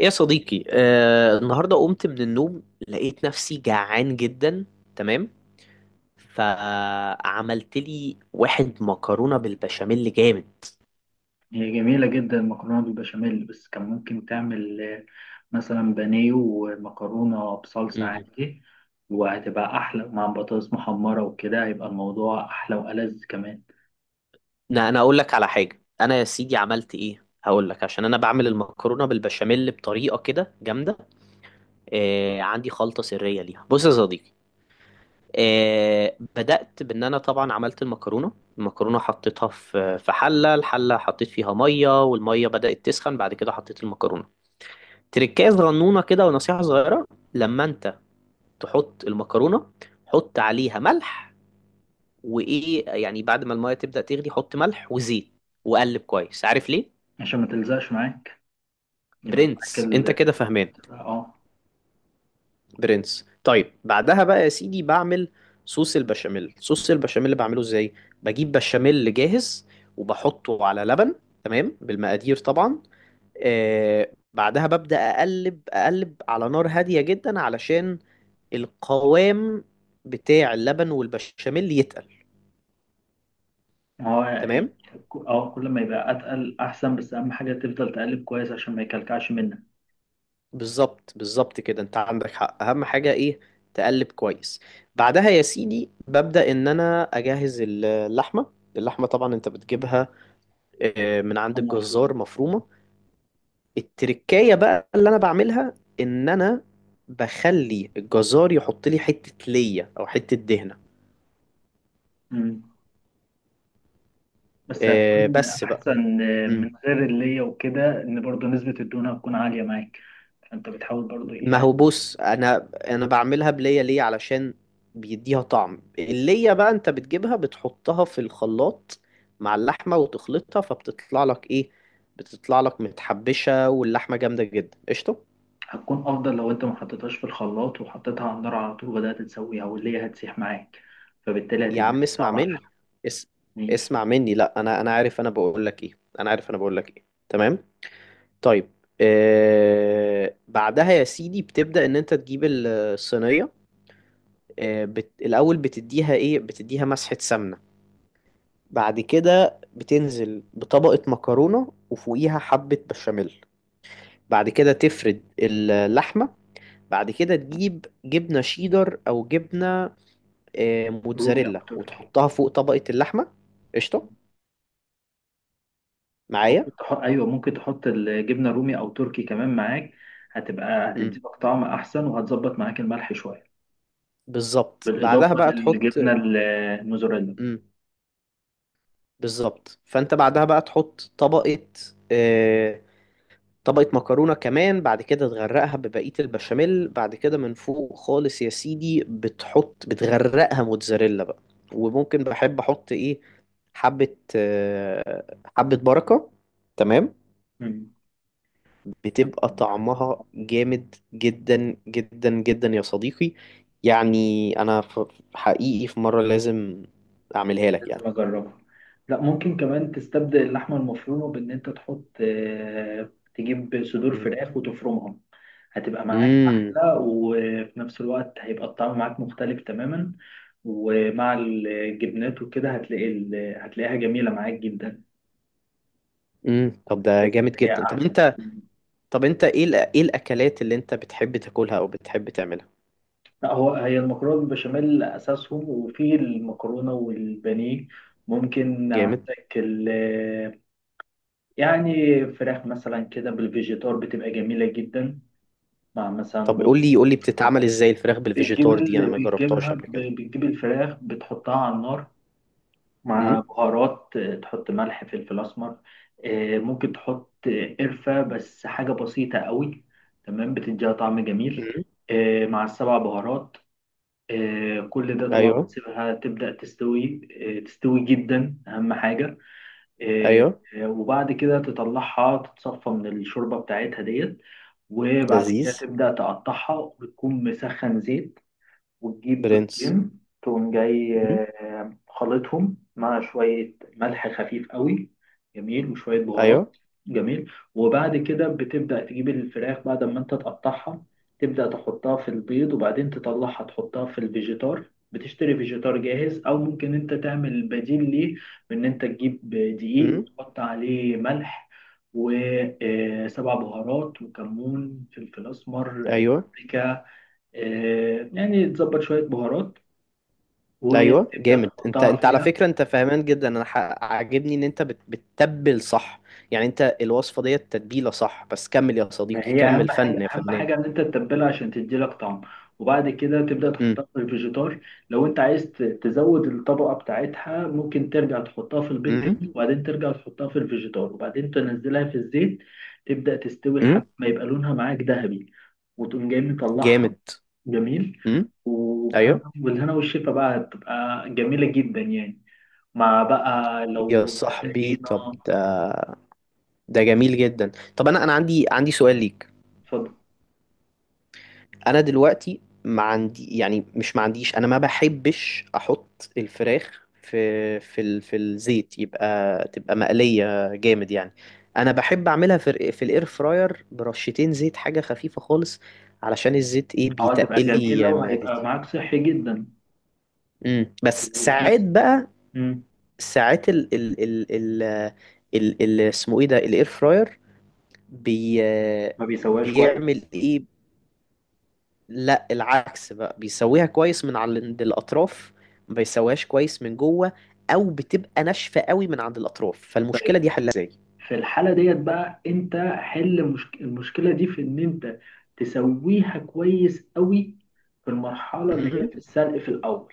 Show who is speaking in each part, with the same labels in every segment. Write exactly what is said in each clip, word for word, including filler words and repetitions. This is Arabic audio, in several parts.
Speaker 1: ايه يا صديقي، آه، النهارده قمت من النوم، لقيت نفسي جعان جدا. تمام. فعملت لي واحد مكرونه بالبشاميل جامد.
Speaker 2: هي جميلة جدا المكرونة بالبشاميل، بس كان ممكن تعمل آه، مثلا بانيه ومكرونة بصلصة
Speaker 1: مم.
Speaker 2: عادي. وهتبقى أحلى مع بطاطس محمرة وكده هيبقى الموضوع أحلى وألذ كمان.
Speaker 1: لا، انا اقول لك على حاجه. انا يا سيدي عملت ايه، هقول لك، عشان انا بعمل المكرونه بالبشاميل بطريقه كده جامده. آه، عندي خلطه سريه ليها، بص يا صديقي. آه، بدأت بإن أنا طبعا عملت المكرونة. المكرونة حطيتها في في حلة، الحلة حطيت فيها مية، والمية بدأت تسخن، بعد كده حطيت المكرونة. تركايه صغنونه كده، ونصيحة صغيرة: لما انت تحط المكرونة حط عليها ملح. وايه يعني، بعد ما المية تبدأ تغلي حط ملح وزيت، وقلب كويس. عارف ليه؟
Speaker 2: عشان ما تلزقش معاك يبقى معاك
Speaker 1: برنس انت
Speaker 2: ال
Speaker 1: كده فهمان.
Speaker 2: اه،
Speaker 1: برنس. طيب بعدها بقى يا سيدي بعمل صوص البشاميل. صوص البشاميل اللي بعمله ازاي؟ بجيب بشاميل جاهز وبحطه على لبن، تمام بالمقادير طبعا. آه، بعدها ببدأ أقلب أقلب على نار هادية جدا علشان القوام بتاع اللبن والبشاميل يتقل.
Speaker 2: هو يعني،
Speaker 1: تمام.
Speaker 2: اه، كل ما يبقى أتقل أحسن، بس أهم حاجة تفضل تقلب كويس عشان ما يكلكعش منك.
Speaker 1: بالظبط، بالظبط كده انت عندك حق، اهم حاجة ايه؟ تقلب كويس. بعدها يا سيدي ببدأ ان انا اجهز اللحمة. اللحمة طبعا انت بتجيبها آه، من عند
Speaker 2: هو
Speaker 1: الجزار
Speaker 2: مفروض.
Speaker 1: مفرومة. التركاية بقى اللي انا بعملها ان انا بخلي الجزار يحط لي حتة ليا او حتة دهنة.
Speaker 2: مم. بس
Speaker 1: آه،
Speaker 2: هتكون
Speaker 1: بس بقى.
Speaker 2: أحسن آه، من
Speaker 1: مم.
Speaker 2: غير اللي هي وكده إن برضه نسبة الدهون هتكون عالية معاك. انت بتحاول برضو إيه
Speaker 1: ما هو
Speaker 2: يعني؟
Speaker 1: بص، انا انا بعملها بلية ليه؟ علشان بيديها طعم. اللية بقى انت بتجيبها بتحطها في الخلاط مع اللحمة وتخلطها، فبتطلع لك ايه؟ بتطلع لك متحبشة واللحمة جامدة جدا، قشطة.
Speaker 2: هتكون افضل لو انت ما حطيتهاش في الخلاط وحطيتها على النار على طول وبدات تسويها واللي هي هتسيح معاك، فبالتالي
Speaker 1: يا
Speaker 2: هتدي
Speaker 1: عم اسمع
Speaker 2: طعم احلى.
Speaker 1: مني، اس...
Speaker 2: ماشي.
Speaker 1: اسمع مني. لا، انا انا عارف انا بقول لك ايه، انا عارف انا بقول لك ايه، تمام. طيب. آه... بعدها يا سيدي بتبدأ ان انت تجيب الصينية. آه، بت... الأول بتديها إيه؟ بتديها مسحة سمنة. بعد كده بتنزل بطبقة مكرونة، وفوقيها حبة بشاميل. بعد كده تفرد اللحمة. بعد كده تجيب جبنة شيدر أو جبنة آه،
Speaker 2: رومي او
Speaker 1: موتزاريلا،
Speaker 2: تركي؟
Speaker 1: وتحطها فوق طبقة اللحمة. قشطة،
Speaker 2: ممكن
Speaker 1: معايا.
Speaker 2: تحط، ايوه، ممكن تحط الجبنه رومي او تركي كمان معاك، هتبقى
Speaker 1: مم.
Speaker 2: هتديلك طعم احسن وهتظبط معاك الملح شويه
Speaker 1: بالظبط. بعدها
Speaker 2: بالاضافه
Speaker 1: بقى تحط.
Speaker 2: للجبنه الموزاريلا.
Speaker 1: مم. بالظبط، فأنت بعدها بقى تحط طبقة آه، طبقة مكرونة كمان. بعد كده تغرقها ببقية البشاميل، بعد كده من فوق خالص يا سيدي بتحط بتغرقها موتزاريلا بقى. وممكن بحب احط ايه؟ حبة آه، حبة بركة، تمام.
Speaker 2: مم.
Speaker 1: بتبقى
Speaker 2: هتكون احسن.
Speaker 1: طعمها جامد جدا جدا جدا يا صديقي. يعني انا ف- حقيقي في مرة لازم اعملها لك يعني.
Speaker 2: لازم اجربها. لا، ممكن كمان تستبدل اللحمه المفرومه بان انت تحط، آه، تجيب صدور
Speaker 1: مم.
Speaker 2: فراخ وتفرمهم. هتبقى معاك
Speaker 1: امم.
Speaker 2: احلى وفي نفس الوقت هيبقى الطعم معاك مختلف تماما. ومع الجبنات وكده هتلاقي ال- هتلاقيها جميله معاك جدا.
Speaker 1: امم طب ده
Speaker 2: تحس
Speaker 1: جامد
Speaker 2: ان هي
Speaker 1: جدا. طب
Speaker 2: احسن.
Speaker 1: انت طب انت ايه الأ- ايه الاكلات اللي انت بتحب تاكلها او بتحب تعملها؟
Speaker 2: لا، هو هي المكرونه بالبشاميل اساسهم، وفي المكرونه والبانيه ممكن
Speaker 1: جامد.
Speaker 2: عندك يعني فراخ مثلا كده بالفيجيتار بتبقى جميلة جدا مع مثلا
Speaker 1: طب قول
Speaker 2: رز.
Speaker 1: لي قول لي بتتعمل
Speaker 2: شوربة.
Speaker 1: ازاي الفراخ
Speaker 2: بتجيب
Speaker 1: بالفيجيتار دي؟ انا
Speaker 2: ال...
Speaker 1: ما جربتهاش
Speaker 2: بتجيبها
Speaker 1: قبل
Speaker 2: ب...
Speaker 1: كده.
Speaker 2: بتجيب الفراخ بتحطها على النار مع
Speaker 1: امم.
Speaker 2: بهارات، آه، تحط ملح فلفل أسمر. آه، ممكن تحط آه، قرفة بس حاجة بسيطة قوي، تمام بتديها طعم جميل.
Speaker 1: امم.
Speaker 2: آه، مع السبع بهارات، آه، كل ده طبعا
Speaker 1: ايوه.
Speaker 2: بتسيبها تبدأ تستوي، آه، تستوي جدا أهم حاجة. آه،
Speaker 1: ايوه.
Speaker 2: آه، وبعد كده تطلعها تتصفى من الشوربة بتاعتها ديت، وبعد كده
Speaker 1: لذيذ.
Speaker 2: تبدأ تقطعها وتكون مسخن زيت. وتجيب
Speaker 1: برنس.
Speaker 2: بيضتين تقوم جاي
Speaker 1: امم.
Speaker 2: آه، خلطهم مع شوية ملح خفيف قوي، جميل، وشوية بهارات
Speaker 1: ايوه.
Speaker 2: جميل. وبعد كده بتبدأ تجيب الفراخ بعد ما انت تقطعها، تبدأ تحطها في البيض وبعدين تطلعها تحطها في الفيجيتار. بتشتري فيجيتار جاهز او ممكن انت تعمل بديل ليه بان انت تجيب دقيق
Speaker 1: امم.
Speaker 2: وتحط عليه ملح وسبع بهارات وكمون فلفل اسمر، آه،
Speaker 1: ايوه.
Speaker 2: بابريكا، آه، يعني تظبط شوية بهارات
Speaker 1: ايوه.
Speaker 2: وتبدأ
Speaker 1: جامد. انت
Speaker 2: تحطها
Speaker 1: انت على
Speaker 2: فيها.
Speaker 1: فكره انت فاهمان جدا. انا ح- عاجبني ان انت بت- بتتبل صح. يعني انت الوصفه ديت تتبيله صح، بس كمل يا صديقي،
Speaker 2: فهي أهم
Speaker 1: كمل فن
Speaker 2: حاجة
Speaker 1: يا
Speaker 2: أهم
Speaker 1: فنان.
Speaker 2: حاجة إن أنت تتبلها عشان تديلك طعم، وبعد كده تبدأ
Speaker 1: امم.
Speaker 2: تحطها في الفيجيتار. لو أنت عايز ت- تزود الطبقة بتاعتها ممكن ترجع تحطها في البيض
Speaker 1: امم.
Speaker 2: تاني وبعدين ترجع تحطها في الفيجيتار وبعدين تنزلها في الزيت، تبدأ تستوي لحد
Speaker 1: امم.
Speaker 2: ما يبقى لونها معاك ذهبي، وتقوم جاي مطلعها
Speaker 1: جامد.
Speaker 2: جميل.
Speaker 1: امم. ايوه.
Speaker 2: وبهنا والهنا والشفا بقى هتبقى جميلة جدا يعني، مع بقى
Speaker 1: يا
Speaker 2: لو
Speaker 1: صاحبي
Speaker 2: طحينة.
Speaker 1: طب ده ده جميل جدا. طب انا انا عندي عندي سؤال ليك.
Speaker 2: اتفضل.
Speaker 1: انا دلوقتي ما عندي، يعني مش ما عنديش، انا ما بحبش احط الفراخ في في ال- في الزيت، يبقى تبقى مقلية جامد يعني. انا بحب اعملها في ال- في الاير فراير، برشتين زيت، حاجة خفيفة خالص، علشان الزيت ايه
Speaker 2: اه، هتبقى
Speaker 1: بيتقل
Speaker 2: جميلة
Speaker 1: لي
Speaker 2: وهيبقى
Speaker 1: معدتي.
Speaker 2: معاك صحي جدا
Speaker 1: امم بس
Speaker 2: وفي
Speaker 1: ساعات
Speaker 2: نفس
Speaker 1: بقى،
Speaker 2: مم.
Speaker 1: ساعات ال ال ال ال ال ال- اسمه ايه ده، الاير فراير؟ بي
Speaker 2: ما بيسواش
Speaker 1: بيعمل
Speaker 2: كويس.
Speaker 1: ايه؟ لا، العكس بقى، بيسويها كويس من على عند الاطراف، ما بيسويهاش كويس من جوه، او بتبقى ناشفه قوي من عند الاطراف،
Speaker 2: طيب،
Speaker 1: فالمشكله دي حلها ازاي؟
Speaker 2: في الحالة ديت بقى انت حل مشك... المشكلة دي في ان انت تسويها كويس قوي في المرحلة اللي هي
Speaker 1: امم.
Speaker 2: في السلق في الأول.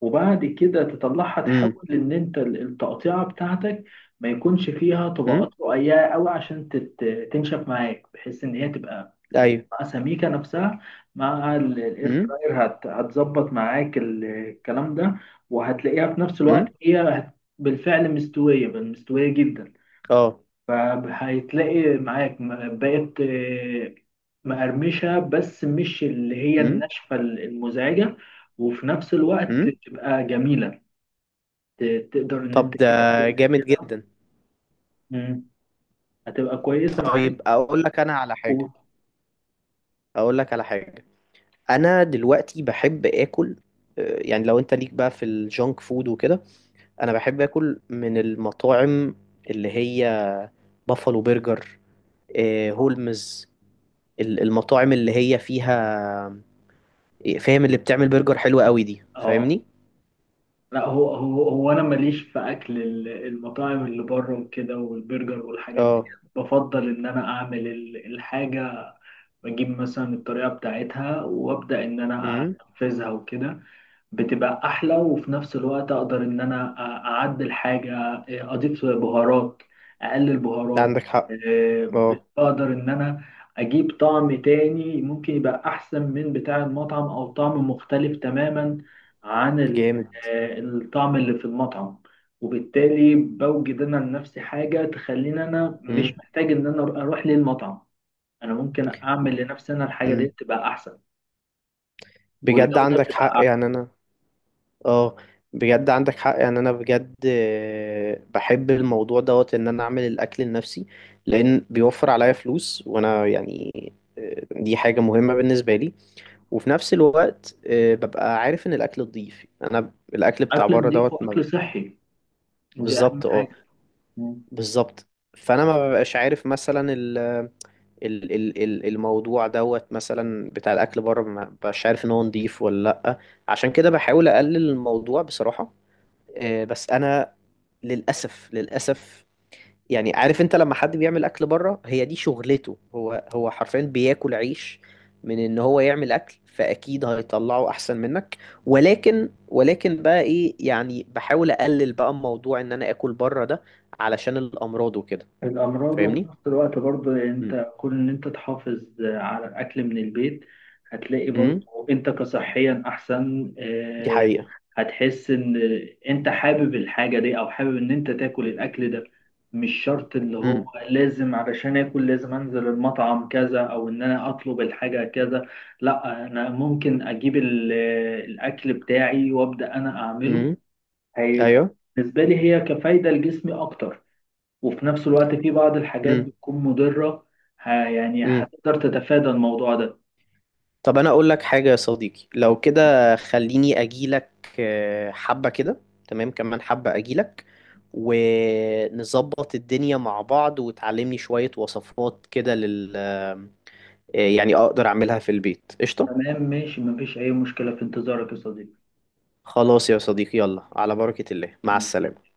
Speaker 2: وبعد كده تطلعها
Speaker 1: امم.
Speaker 2: تحاول ان انت ال- التقطيعه بتاعتك ما يكونش فيها طبقات
Speaker 1: امم.
Speaker 2: رقيقه قوي عشان تت- تنشف معاك، بحيث ان هي تبقى
Speaker 1: ايوه.
Speaker 2: القطعة سميكه نفسها. مع الاير
Speaker 1: امم.
Speaker 2: فراير هت- هتظبط معاك ال- الكلام ده، وهتلاقيها في نفس الوقت
Speaker 1: امم.
Speaker 2: هي هت- بالفعل مستويه بل مستويه جدا.
Speaker 1: اه.
Speaker 2: فهيتلاقي معاك م- بقت آه، مقرمشة، بس مش اللي هي
Speaker 1: امم.
Speaker 2: الناشفة المزعجة، وفي نفس الوقت
Speaker 1: امم.
Speaker 2: تبقى جميلة. ت- تقدر إن أنت
Speaker 1: طب ده
Speaker 2: إيه تاكلها
Speaker 1: جامد
Speaker 2: كده.
Speaker 1: جدا.
Speaker 2: مم. هتبقى كويسة معاك
Speaker 1: طيب اقول لك انا على
Speaker 2: و...
Speaker 1: حاجه، اقول لك على حاجه. انا دلوقتي بحب اكل، آه، يعني لو انت ليك بقى في الجونك فود وكده، انا بحب اكل من المطاعم اللي هي بافالو برجر، آه، هولمز، ال- المطاعم اللي هي فيها، فاهم؟ اللي بتعمل برجر حلوة قوي دي،
Speaker 2: اه.
Speaker 1: فاهمني؟
Speaker 2: لا، هو هو هو أنا ماليش في أكل ال- المطاعم اللي بره وكده والبرجر والحاجات دي.
Speaker 1: اه.
Speaker 2: بفضل إن أنا أعمل ال- الحاجة، بجيب مثلا الطريقة بتاعتها وأبدأ إن أنا
Speaker 1: امم.
Speaker 2: أنفذها وكده. بتبقى احلى وفي نفس الوقت اقدر ان انا أ- اعدل حاجه، آه، اضيف بهارات، اقلل
Speaker 1: ده
Speaker 2: بهارات.
Speaker 1: عندك حق.
Speaker 2: أه،
Speaker 1: اه.
Speaker 2: بقدر ان انا اجيب طعم تاني ممكن يبقى احسن من بتاع المطعم او طعم مختلف تماما عن ال-
Speaker 1: جامد.
Speaker 2: أه، الطعم اللي في المطعم. وبالتالي بوجد انا لنفسي حاجه تخليني انا
Speaker 1: امم.
Speaker 2: مش محتاج ان انا اروح للمطعم. انا ممكن اعمل لنفسي انا الحاجه دي
Speaker 1: امم.
Speaker 2: تبقى احسن،
Speaker 1: بجد
Speaker 2: والجوده
Speaker 1: عندك حق
Speaker 2: بتبقى احسن.
Speaker 1: يعني انا. اه، بجد عندك حق يعني انا، بجد آه، بحب الموضوع دوت، ان انا اعمل الاكل لنفسي، لان بيوفر عليا فلوس، وانا يعني آه، دي حاجة مهمة بالنسبة لي. وفي نفس الوقت آه، ببقى عارف ان الاكل نضيف، انا ب- الاكل بتاع
Speaker 2: اكل
Speaker 1: بره
Speaker 2: نضيف
Speaker 1: دوت ما-
Speaker 2: واكل صحي، دي أهم
Speaker 1: بالظبط. اه،
Speaker 2: حاجة. مم.
Speaker 1: بالظبط. فانا ما ببقاش عارف مثلا ال ال ال ال- الموضوع دوت مثلا بتاع الاكل بره، ما ببقاش عارف ان هو نضيف ولا لا. عشان كده بحاول اقلل الموضوع بصراحة. آه، بس انا، للاسف، للاسف يعني، عارف انت لما حد بيعمل اكل بره هي دي شغلته، هو هو حرفيا بياكل عيش من ان هو يعمل اكل، فاكيد هيطلعه احسن منك. ولكن ولكن بقى ايه يعني، بحاول اقلل بقى موضوع ان انا اكل بره ده، علشان الامراض وكده.
Speaker 2: الأمراض، وفي
Speaker 1: فاهمني؟
Speaker 2: نفس الوقت برضه
Speaker 1: امم.
Speaker 2: أنت كون إن أنت تحافظ على الأكل من البيت، هتلاقي
Speaker 1: امم.
Speaker 2: برضه أنت كصحيا أحسن.
Speaker 1: دي
Speaker 2: آه،
Speaker 1: حقيقة.
Speaker 2: هتحس إن أنت حابب الحاجة دي أو حابب إن أنت تاكل الأكل ده، مش شرط اللي هو
Speaker 1: امم.
Speaker 2: لازم علشان آكل لازم أنزل المطعم كذا أو إن أنا أطلب الحاجة كذا. لأ، أنا ممكن أجيب ال- الأكل بتاعي وأبدأ أنا أعمله،
Speaker 1: امم.
Speaker 2: هيبقى
Speaker 1: ايوه.
Speaker 2: بالنسبة لي هي كفايدة لجسمي أكتر، وفي نفس الوقت في بعض الحاجات
Speaker 1: امم.
Speaker 2: بتكون مضرة. ه- يعني
Speaker 1: امم.
Speaker 2: هتقدر تتفادى الموضوع ده.
Speaker 1: طب انا اقول لك حاجة يا صديقي، لو كده خليني اجيلك آه، حبة كده، تمام، كمان حبة اجيلك، ونظبط الدنيا مع بعض، وتعلمني شوية وصفات كده لل آه، يعني أقدر أعملها في البيت، قشطة.
Speaker 2: تمام، ماشي، مفيش أي مشكلة، في انتظارك يا صديقي.
Speaker 1: خلاص يا صديقي، يلا على بركة الله، مع السلامة.